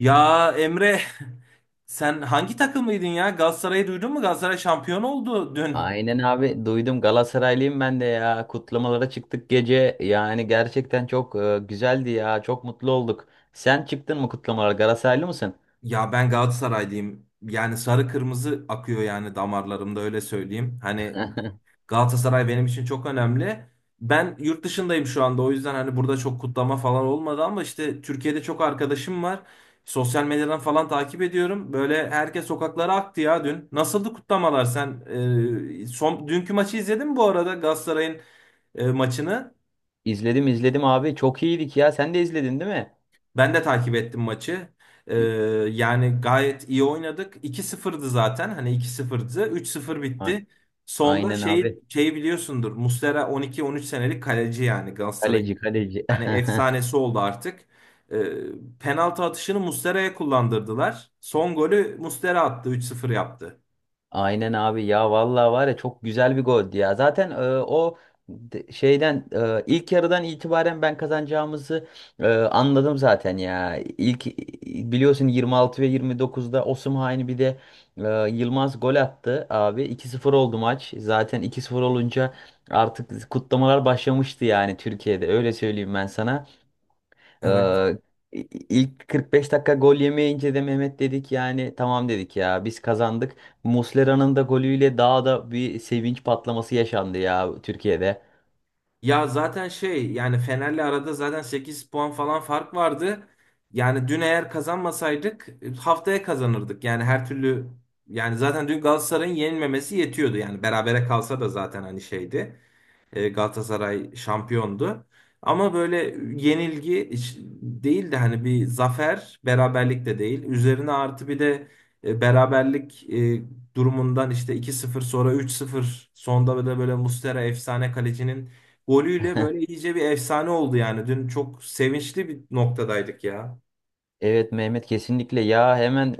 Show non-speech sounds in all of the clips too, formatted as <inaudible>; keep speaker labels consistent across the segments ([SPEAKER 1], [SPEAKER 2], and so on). [SPEAKER 1] Ya Emre sen hangi takımlıydın ya? Galatasaray'ı duydun mu? Galatasaray şampiyon oldu dün.
[SPEAKER 2] Aynen abi, duydum, Galatasaraylıyım ben de ya, kutlamalara çıktık gece, yani gerçekten çok güzeldi ya, çok mutlu olduk. Sen çıktın mı kutlamalara? Galatasaraylı mısın?
[SPEAKER 1] Ya ben Galatasaraylıyım. Yani sarı kırmızı akıyor yani damarlarımda öyle söyleyeyim. Hani Galatasaray benim için çok önemli. Ben yurt dışındayım şu anda o yüzden hani burada çok kutlama falan olmadı ama işte Türkiye'de çok arkadaşım var. Sosyal medyadan falan takip ediyorum. Böyle herkes sokaklara aktı ya dün. Nasıldı kutlamalar sen? Dünkü maçı izledin mi bu arada Galatasaray'ın maçını?
[SPEAKER 2] İzledim izledim abi, çok iyiydik ya, sen de izledin değil mi?
[SPEAKER 1] Ben de takip ettim maçı. Ee, Yani gayet iyi oynadık. 2 sıfırdı zaten. Hani 2-0'dı. 3-0
[SPEAKER 2] A-
[SPEAKER 1] bitti. Sonda
[SPEAKER 2] Aynen
[SPEAKER 1] şeyi,
[SPEAKER 2] abi,
[SPEAKER 1] şeyi biliyorsundur. Muslera 12-13 senelik kaleci yani Galatasaray'ın.
[SPEAKER 2] kaleci kaleci.
[SPEAKER 1] Hani
[SPEAKER 2] <laughs>
[SPEAKER 1] efsanesi oldu artık. Penaltı atışını Muslera'ya kullandırdılar. Son golü Muslera attı. 3-0 yaptı.
[SPEAKER 2] Aynen abi ya, vallahi var ya, çok güzel bir goldü ya. Zaten o şeyden ilk yarıdan itibaren ben kazanacağımızı anladım zaten ya. İlk biliyorsun 26 ve 29'da Osimhen, bir de Yılmaz gol attı abi. 2-0 oldu maç. Zaten 2-0 olunca artık kutlamalar başlamıştı yani, Türkiye'de öyle söyleyeyim ben sana.
[SPEAKER 1] Evet.
[SPEAKER 2] Ee, ilk 45 dakika gol yemeyince de Mehmet dedik yani, tamam dedik ya, biz kazandık. Muslera'nın da golüyle daha da bir sevinç patlaması yaşandı ya Türkiye'de.
[SPEAKER 1] Ya zaten şey yani Fener'le arada zaten 8 puan falan fark vardı. Yani dün eğer kazanmasaydık haftaya kazanırdık. Yani her türlü yani zaten dün Galatasaray'ın yenilmemesi yetiyordu. Yani berabere kalsa da zaten hani şeydi. Galatasaray şampiyondu. Ama böyle yenilgi hiç değil de hani bir zafer, beraberlik de değil. Üzerine artı bir de beraberlik durumundan işte 2-0 sonra 3-0 sonda böyle böyle Muslera efsane kalecinin golüyle
[SPEAKER 2] <laughs>
[SPEAKER 1] böyle iyice bir efsane oldu yani. Dün çok sevinçli bir noktadaydık ya.
[SPEAKER 2] Evet Mehmet, kesinlikle ya, hemen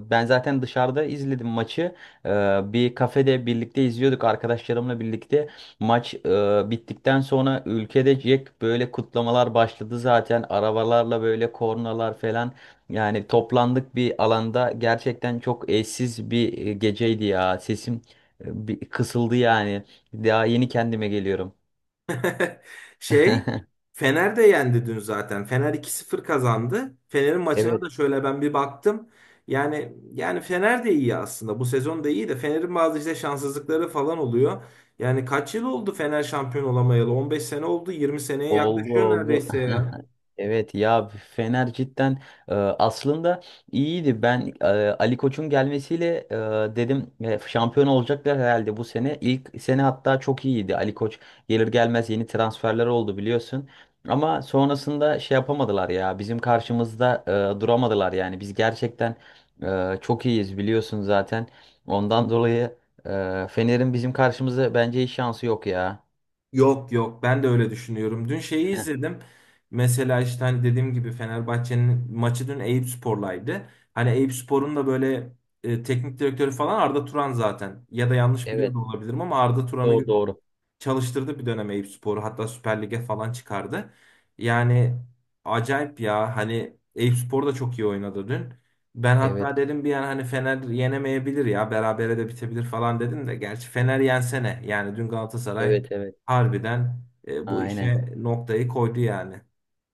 [SPEAKER 2] ben zaten dışarıda izledim maçı. E, Bir kafede birlikte izliyorduk arkadaşlarımla birlikte. Maç bittikten sonra ülkede Jack böyle kutlamalar başladı zaten, arabalarla böyle kornalar falan. Yani toplandık bir alanda, gerçekten çok eşsiz bir geceydi ya, sesim bir kısıldı yani, daha yeni kendime geliyorum.
[SPEAKER 1] <laughs> Şey,
[SPEAKER 2] <laughs>
[SPEAKER 1] Fener de yendi dün zaten. Fener 2-0 kazandı. Fener'in maçına
[SPEAKER 2] Evet,
[SPEAKER 1] da şöyle ben bir baktım. Yani Fener de iyi aslında. Bu sezon da iyi de Fener'in bazı işte şanssızlıkları falan oluyor. Yani kaç yıl oldu Fener şampiyon olamayalı? 15 sene oldu, 20 seneye
[SPEAKER 2] oldu
[SPEAKER 1] yaklaşıyor
[SPEAKER 2] oldu.
[SPEAKER 1] neredeyse ya.
[SPEAKER 2] <laughs> Evet ya, Fener cidden aslında iyiydi. Ben Ali Koç'un gelmesiyle dedim şampiyon olacaklar herhalde bu sene. İlk sene hatta çok iyiydi. Ali Koç gelir gelmez yeni transferler oldu biliyorsun. Ama sonrasında şey yapamadılar ya. Bizim karşımızda duramadılar yani. Biz gerçekten çok iyiyiz biliyorsun zaten. Ondan dolayı Fener'in bizim karşımızda bence hiç şansı yok ya.
[SPEAKER 1] Yok yok ben de öyle düşünüyorum. Dün şeyi
[SPEAKER 2] Heh.
[SPEAKER 1] izledim. Mesela işte hani dediğim gibi Fenerbahçe'nin maçı dün Eyüpspor'laydı. Hani Eyüpspor'un da böyle teknik direktörü falan Arda Turan zaten. Ya da yanlış biliyor
[SPEAKER 2] Evet.
[SPEAKER 1] da olabilirim ama Arda Turan'ı
[SPEAKER 2] Doğru doğru.
[SPEAKER 1] çalıştırdı bir dönem Eyüpspor'u. Hatta Süper Lig'e falan çıkardı. Yani acayip ya. Hani Eyüpspor da çok iyi oynadı dün. Ben hatta
[SPEAKER 2] Evet.
[SPEAKER 1] dedim bir an hani Fener yenemeyebilir ya. Berabere de bitebilir falan dedim de. Gerçi Fener yensene. Yani dün Galatasaray
[SPEAKER 2] Evet evet.
[SPEAKER 1] harbiden bu
[SPEAKER 2] Aynen.
[SPEAKER 1] işe noktayı koydu yani.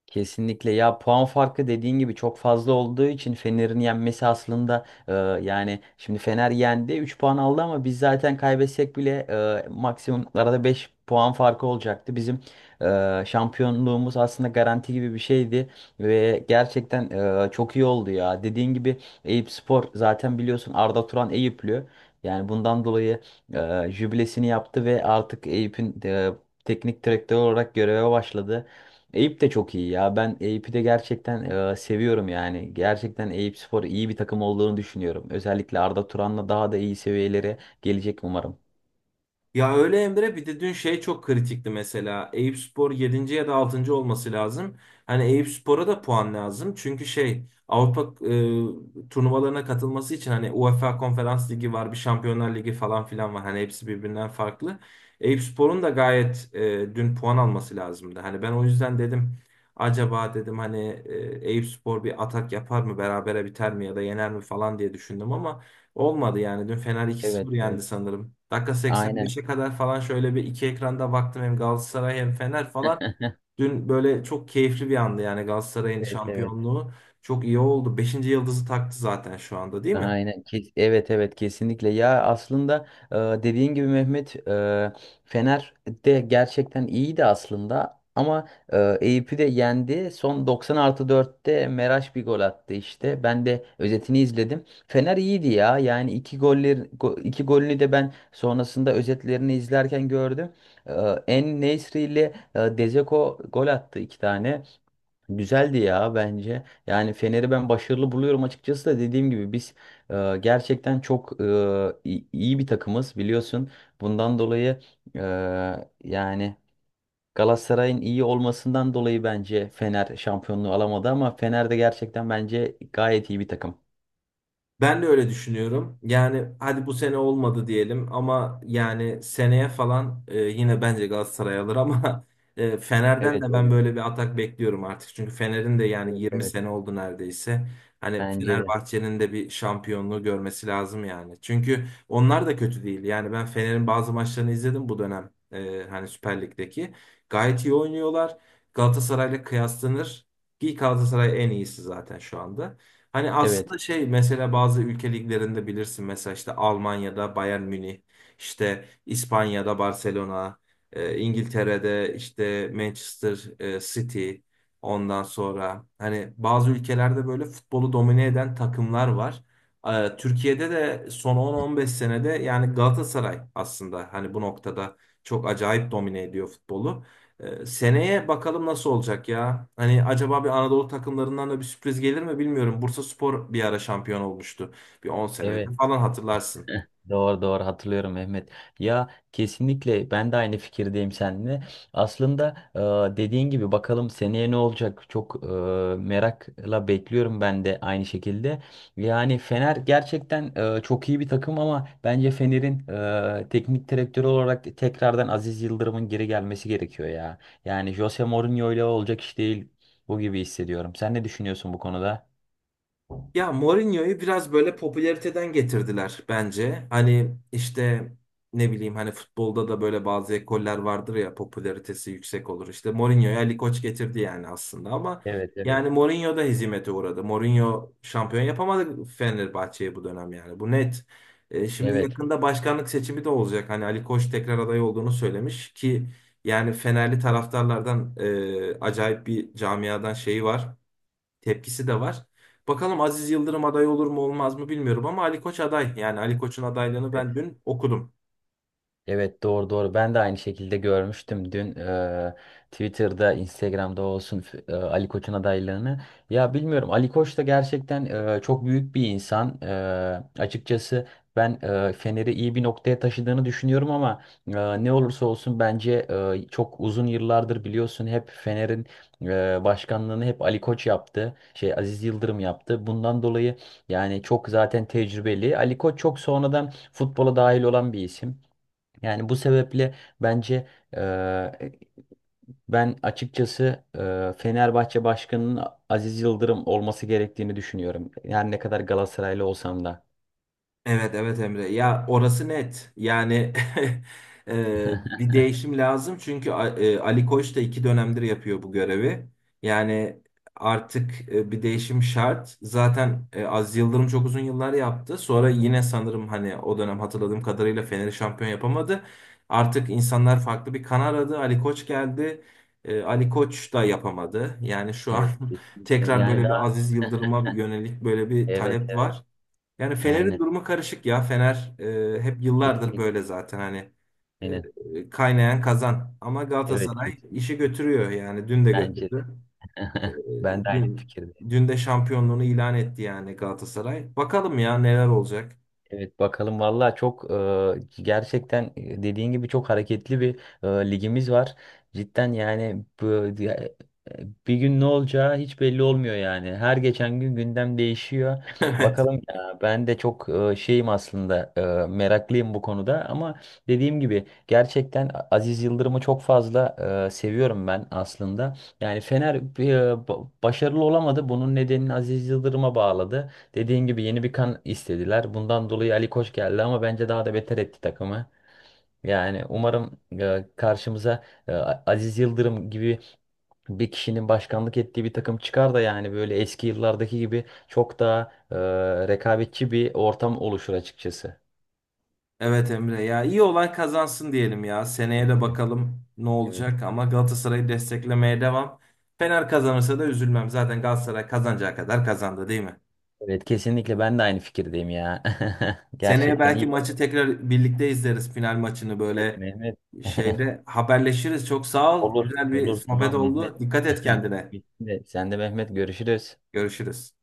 [SPEAKER 2] Kesinlikle ya, puan farkı dediğin gibi çok fazla olduğu için Fener'in yenmesi aslında yani şimdi Fener yendi 3 puan aldı, ama biz zaten kaybetsek bile maksimum arada 5 puan farkı olacaktı. Bizim şampiyonluğumuz aslında garanti gibi bir şeydi ve gerçekten çok iyi oldu ya. Dediğin gibi Eyüp Spor zaten biliyorsun, Arda Turan Eyüplü. Yani bundan dolayı jübilesini yaptı ve artık Eyüp'ün teknik direktör olarak göreve başladı. Eyüp de çok iyi ya. Ben Eyüp'ü de gerçekten seviyorum yani. Gerçekten Eyüp Spor iyi bir takım olduğunu düşünüyorum. Özellikle Arda Turan'la daha da iyi seviyelere gelecek umarım.
[SPEAKER 1] Ya öyle Emre bir de dün şey çok kritikti mesela. Eyüpspor 7. ya da 6. olması lazım. Hani Eyüpspor'a da puan lazım. Çünkü şey Avrupa turnuvalarına katılması için hani UEFA Konferans Ligi var, bir Şampiyonlar Ligi falan filan var. Hani hepsi birbirinden farklı. Eyüpspor'un da gayet dün puan alması lazımdı. Hani ben o yüzden dedim acaba dedim hani Eyüpspor bir atak yapar mı, berabere biter mi ya da yener mi falan diye düşündüm ama olmadı yani. Dün Fener 2-0
[SPEAKER 2] Evet
[SPEAKER 1] yendi
[SPEAKER 2] evet.
[SPEAKER 1] sanırım. Dakika
[SPEAKER 2] Aynen.
[SPEAKER 1] 85'e kadar falan şöyle bir iki ekranda baktım hem Galatasaray hem Fener falan.
[SPEAKER 2] <laughs>
[SPEAKER 1] Dün böyle çok keyifli bir andı yani Galatasaray'ın
[SPEAKER 2] Evet evet.
[SPEAKER 1] şampiyonluğu. Çok iyi oldu. Beşinci yıldızı taktı zaten şu anda değil mi?
[SPEAKER 2] Aynen. Evet evet, kesinlikle. Ya aslında dediğin gibi Mehmet, Fener de gerçekten iyiydi aslında ama Eyüp'ü de yendi. Son 90 artı 4'te Meraş bir gol attı işte. Ben de özetini izledim. Fener iyiydi ya. Yani iki golünü de ben sonrasında özetlerini izlerken gördüm. E, En-Nesyri ile Dzeko gol attı iki tane. Güzeldi ya bence. Yani Fener'i ben başarılı buluyorum açıkçası, da dediğim gibi biz gerçekten çok iyi bir takımız biliyorsun. Bundan dolayı e, yani Galatasaray'ın iyi olmasından dolayı bence Fener şampiyonluğu alamadı ama Fener de gerçekten bence gayet iyi bir takım.
[SPEAKER 1] Ben de öyle düşünüyorum. Yani hadi bu sene olmadı diyelim ama yani seneye falan yine bence Galatasaray alır ama <laughs> Fener'den
[SPEAKER 2] Evet,
[SPEAKER 1] de ben
[SPEAKER 2] evet,
[SPEAKER 1] böyle bir atak bekliyorum artık. Çünkü Fener'in de yani
[SPEAKER 2] evet,
[SPEAKER 1] 20
[SPEAKER 2] evet.
[SPEAKER 1] sene oldu neredeyse. Hani
[SPEAKER 2] Bence de.
[SPEAKER 1] Fenerbahçe'nin de bir şampiyonluğu görmesi lazım yani. Çünkü onlar da kötü değil. Yani ben Fener'in bazı maçlarını izledim bu dönem. Hani Süper Lig'deki. Gayet iyi oynuyorlar. Galatasaray'la kıyaslanır. Ki Galatasaray en iyisi zaten şu anda. Hani
[SPEAKER 2] Evet.
[SPEAKER 1] aslında şey mesela bazı ülke liglerinde bilirsin mesela işte Almanya'da Bayern Münih, işte İspanya'da Barcelona, İngiltere'de işte Manchester City ondan sonra hani bazı ülkelerde böyle futbolu domine eden takımlar var. Türkiye'de de son 10-15 senede yani Galatasaray aslında hani bu noktada çok acayip domine ediyor futbolu. Seneye bakalım nasıl olacak ya. Hani acaba bir Anadolu takımlarından da bir sürpriz gelir mi bilmiyorum. Bursaspor bir ara şampiyon olmuştu. Bir 10 sene önce
[SPEAKER 2] Evet.
[SPEAKER 1] falan hatırlarsın.
[SPEAKER 2] Doğru doğru, hatırlıyorum Mehmet. Ya kesinlikle, ben de aynı fikirdeyim seninle. Aslında dediğin gibi bakalım seneye ne olacak? Çok merakla bekliyorum ben de aynı şekilde. Yani Fener gerçekten çok iyi bir takım ama bence Fener'in teknik direktörü olarak tekrardan Aziz Yıldırım'ın geri gelmesi gerekiyor ya. Yani Jose Mourinho ile olacak iş değil bu gibi hissediyorum. Sen ne düşünüyorsun bu konuda?
[SPEAKER 1] Ya Mourinho'yu biraz böyle popülariteden getirdiler bence. Hani işte ne bileyim hani futbolda da böyle bazı ekoller vardır ya popülaritesi yüksek olur. İşte Mourinho'ya Ali Koç getirdi yani aslında ama
[SPEAKER 2] Evet evet.
[SPEAKER 1] yani Mourinho da hezimete uğradı. Mourinho şampiyon yapamadı Fenerbahçe'yi bu dönem yani. Bu net. Şimdi
[SPEAKER 2] Evet.
[SPEAKER 1] yakında başkanlık seçimi de olacak. Hani Ali Koç tekrar aday olduğunu söylemiş ki yani Fenerli taraftarlardan acayip bir camiadan şeyi var tepkisi de var. Bakalım Aziz Yıldırım aday olur mu olmaz mı bilmiyorum ama Ali Koç aday. Yani Ali Koç'un adaylığını ben dün okudum.
[SPEAKER 2] Evet doğru doğru, ben de aynı şekilde görmüştüm dün. Twitter'da Instagram'da olsun, Ali Koç'un adaylığını, ya bilmiyorum, Ali Koç da gerçekten çok büyük bir insan. Açıkçası ben Fener'i iyi bir noktaya taşıdığını düşünüyorum ama ne olursa olsun bence çok uzun yıllardır biliyorsun hep Fener'in başkanlığını hep Ali Koç yaptı, şey Aziz Yıldırım yaptı. Bundan dolayı yani çok zaten tecrübeli, Ali Koç çok sonradan futbola dahil olan bir isim. Yani bu sebeple bence eee, ben açıkçası Fenerbahçe Başkanı'nın Aziz Yıldırım olması gerektiğini düşünüyorum. Yani ne kadar Galatasaraylı olsam da.
[SPEAKER 1] Evet evet Emre ya orası net yani <laughs>
[SPEAKER 2] <laughs>
[SPEAKER 1] bir değişim lazım çünkü Ali Koç da 2 dönemdir yapıyor bu görevi yani artık bir değişim şart zaten Aziz Yıldırım çok uzun yıllar yaptı sonra yine sanırım hani o dönem hatırladığım kadarıyla Fener'i şampiyon yapamadı artık insanlar farklı bir kan aradı Ali Koç geldi. Ali Koç da yapamadı yani şu an.
[SPEAKER 2] Evet
[SPEAKER 1] <laughs>
[SPEAKER 2] kesinlikle.
[SPEAKER 1] Tekrar
[SPEAKER 2] Yani
[SPEAKER 1] böyle bir
[SPEAKER 2] daha
[SPEAKER 1] Aziz Yıldırım'a yönelik böyle bir
[SPEAKER 2] evet
[SPEAKER 1] talep
[SPEAKER 2] evet.
[SPEAKER 1] var. Yani Fener'in
[SPEAKER 2] Aynen.
[SPEAKER 1] durumu karışık ya. Fener hep yıllardır
[SPEAKER 2] Kesinlikle.
[SPEAKER 1] böyle zaten hani
[SPEAKER 2] Aynen.
[SPEAKER 1] kaynayan kazan. Ama
[SPEAKER 2] Evet
[SPEAKER 1] Galatasaray işi
[SPEAKER 2] kesinlikle.
[SPEAKER 1] götürüyor yani dün de
[SPEAKER 2] Bence
[SPEAKER 1] götürdü.
[SPEAKER 2] de.
[SPEAKER 1] E,
[SPEAKER 2] <laughs> Ben de aynı
[SPEAKER 1] dün
[SPEAKER 2] fikirde.
[SPEAKER 1] dün de şampiyonluğunu ilan etti yani Galatasaray. Bakalım ya neler olacak.
[SPEAKER 2] Evet bakalım valla, çok gerçekten dediğin gibi çok hareketli bir ligimiz var. Cidden yani, bir gün ne olacağı hiç belli olmuyor yani. Her geçen gün gündem değişiyor.
[SPEAKER 1] <laughs> Evet.
[SPEAKER 2] Bakalım ya, ben de çok şeyim aslında, meraklıyım bu konuda, ama dediğim gibi gerçekten Aziz Yıldırım'ı çok fazla seviyorum ben aslında. Yani Fener başarılı olamadı. Bunun nedenini Aziz Yıldırım'a bağladı. Dediğin gibi yeni bir kan istediler. Bundan dolayı Ali Koç geldi ama bence daha da beter etti takımı. Yani umarım karşımıza Aziz Yıldırım gibi bir kişinin başkanlık ettiği bir takım çıkar da yani böyle eski yıllardaki gibi çok daha rekabetçi bir ortam oluşur açıkçası.
[SPEAKER 1] Evet Emre ya iyi olan kazansın diyelim ya. Seneye de bakalım ne
[SPEAKER 2] Evet.
[SPEAKER 1] olacak ama Galatasaray'ı desteklemeye devam. Fener kazanırsa da üzülmem. Zaten Galatasaray kazanacağı kadar kazandı değil mi?
[SPEAKER 2] Evet kesinlikle, ben de aynı fikirdeyim ya. <laughs>
[SPEAKER 1] Seneye
[SPEAKER 2] Gerçekten iyi
[SPEAKER 1] belki
[SPEAKER 2] var.
[SPEAKER 1] maçı tekrar birlikte izleriz final maçını
[SPEAKER 2] Evet
[SPEAKER 1] böyle
[SPEAKER 2] Mehmet. <laughs>
[SPEAKER 1] şeyde haberleşiriz. Çok sağ ol.
[SPEAKER 2] Olur.
[SPEAKER 1] Güzel bir
[SPEAKER 2] Olur
[SPEAKER 1] sohbet
[SPEAKER 2] tamam Mehmet.
[SPEAKER 1] oldu. Dikkat et
[SPEAKER 2] <laughs>
[SPEAKER 1] kendine.
[SPEAKER 2] Bitti. Sen de Mehmet, görüşürüz.
[SPEAKER 1] Görüşürüz.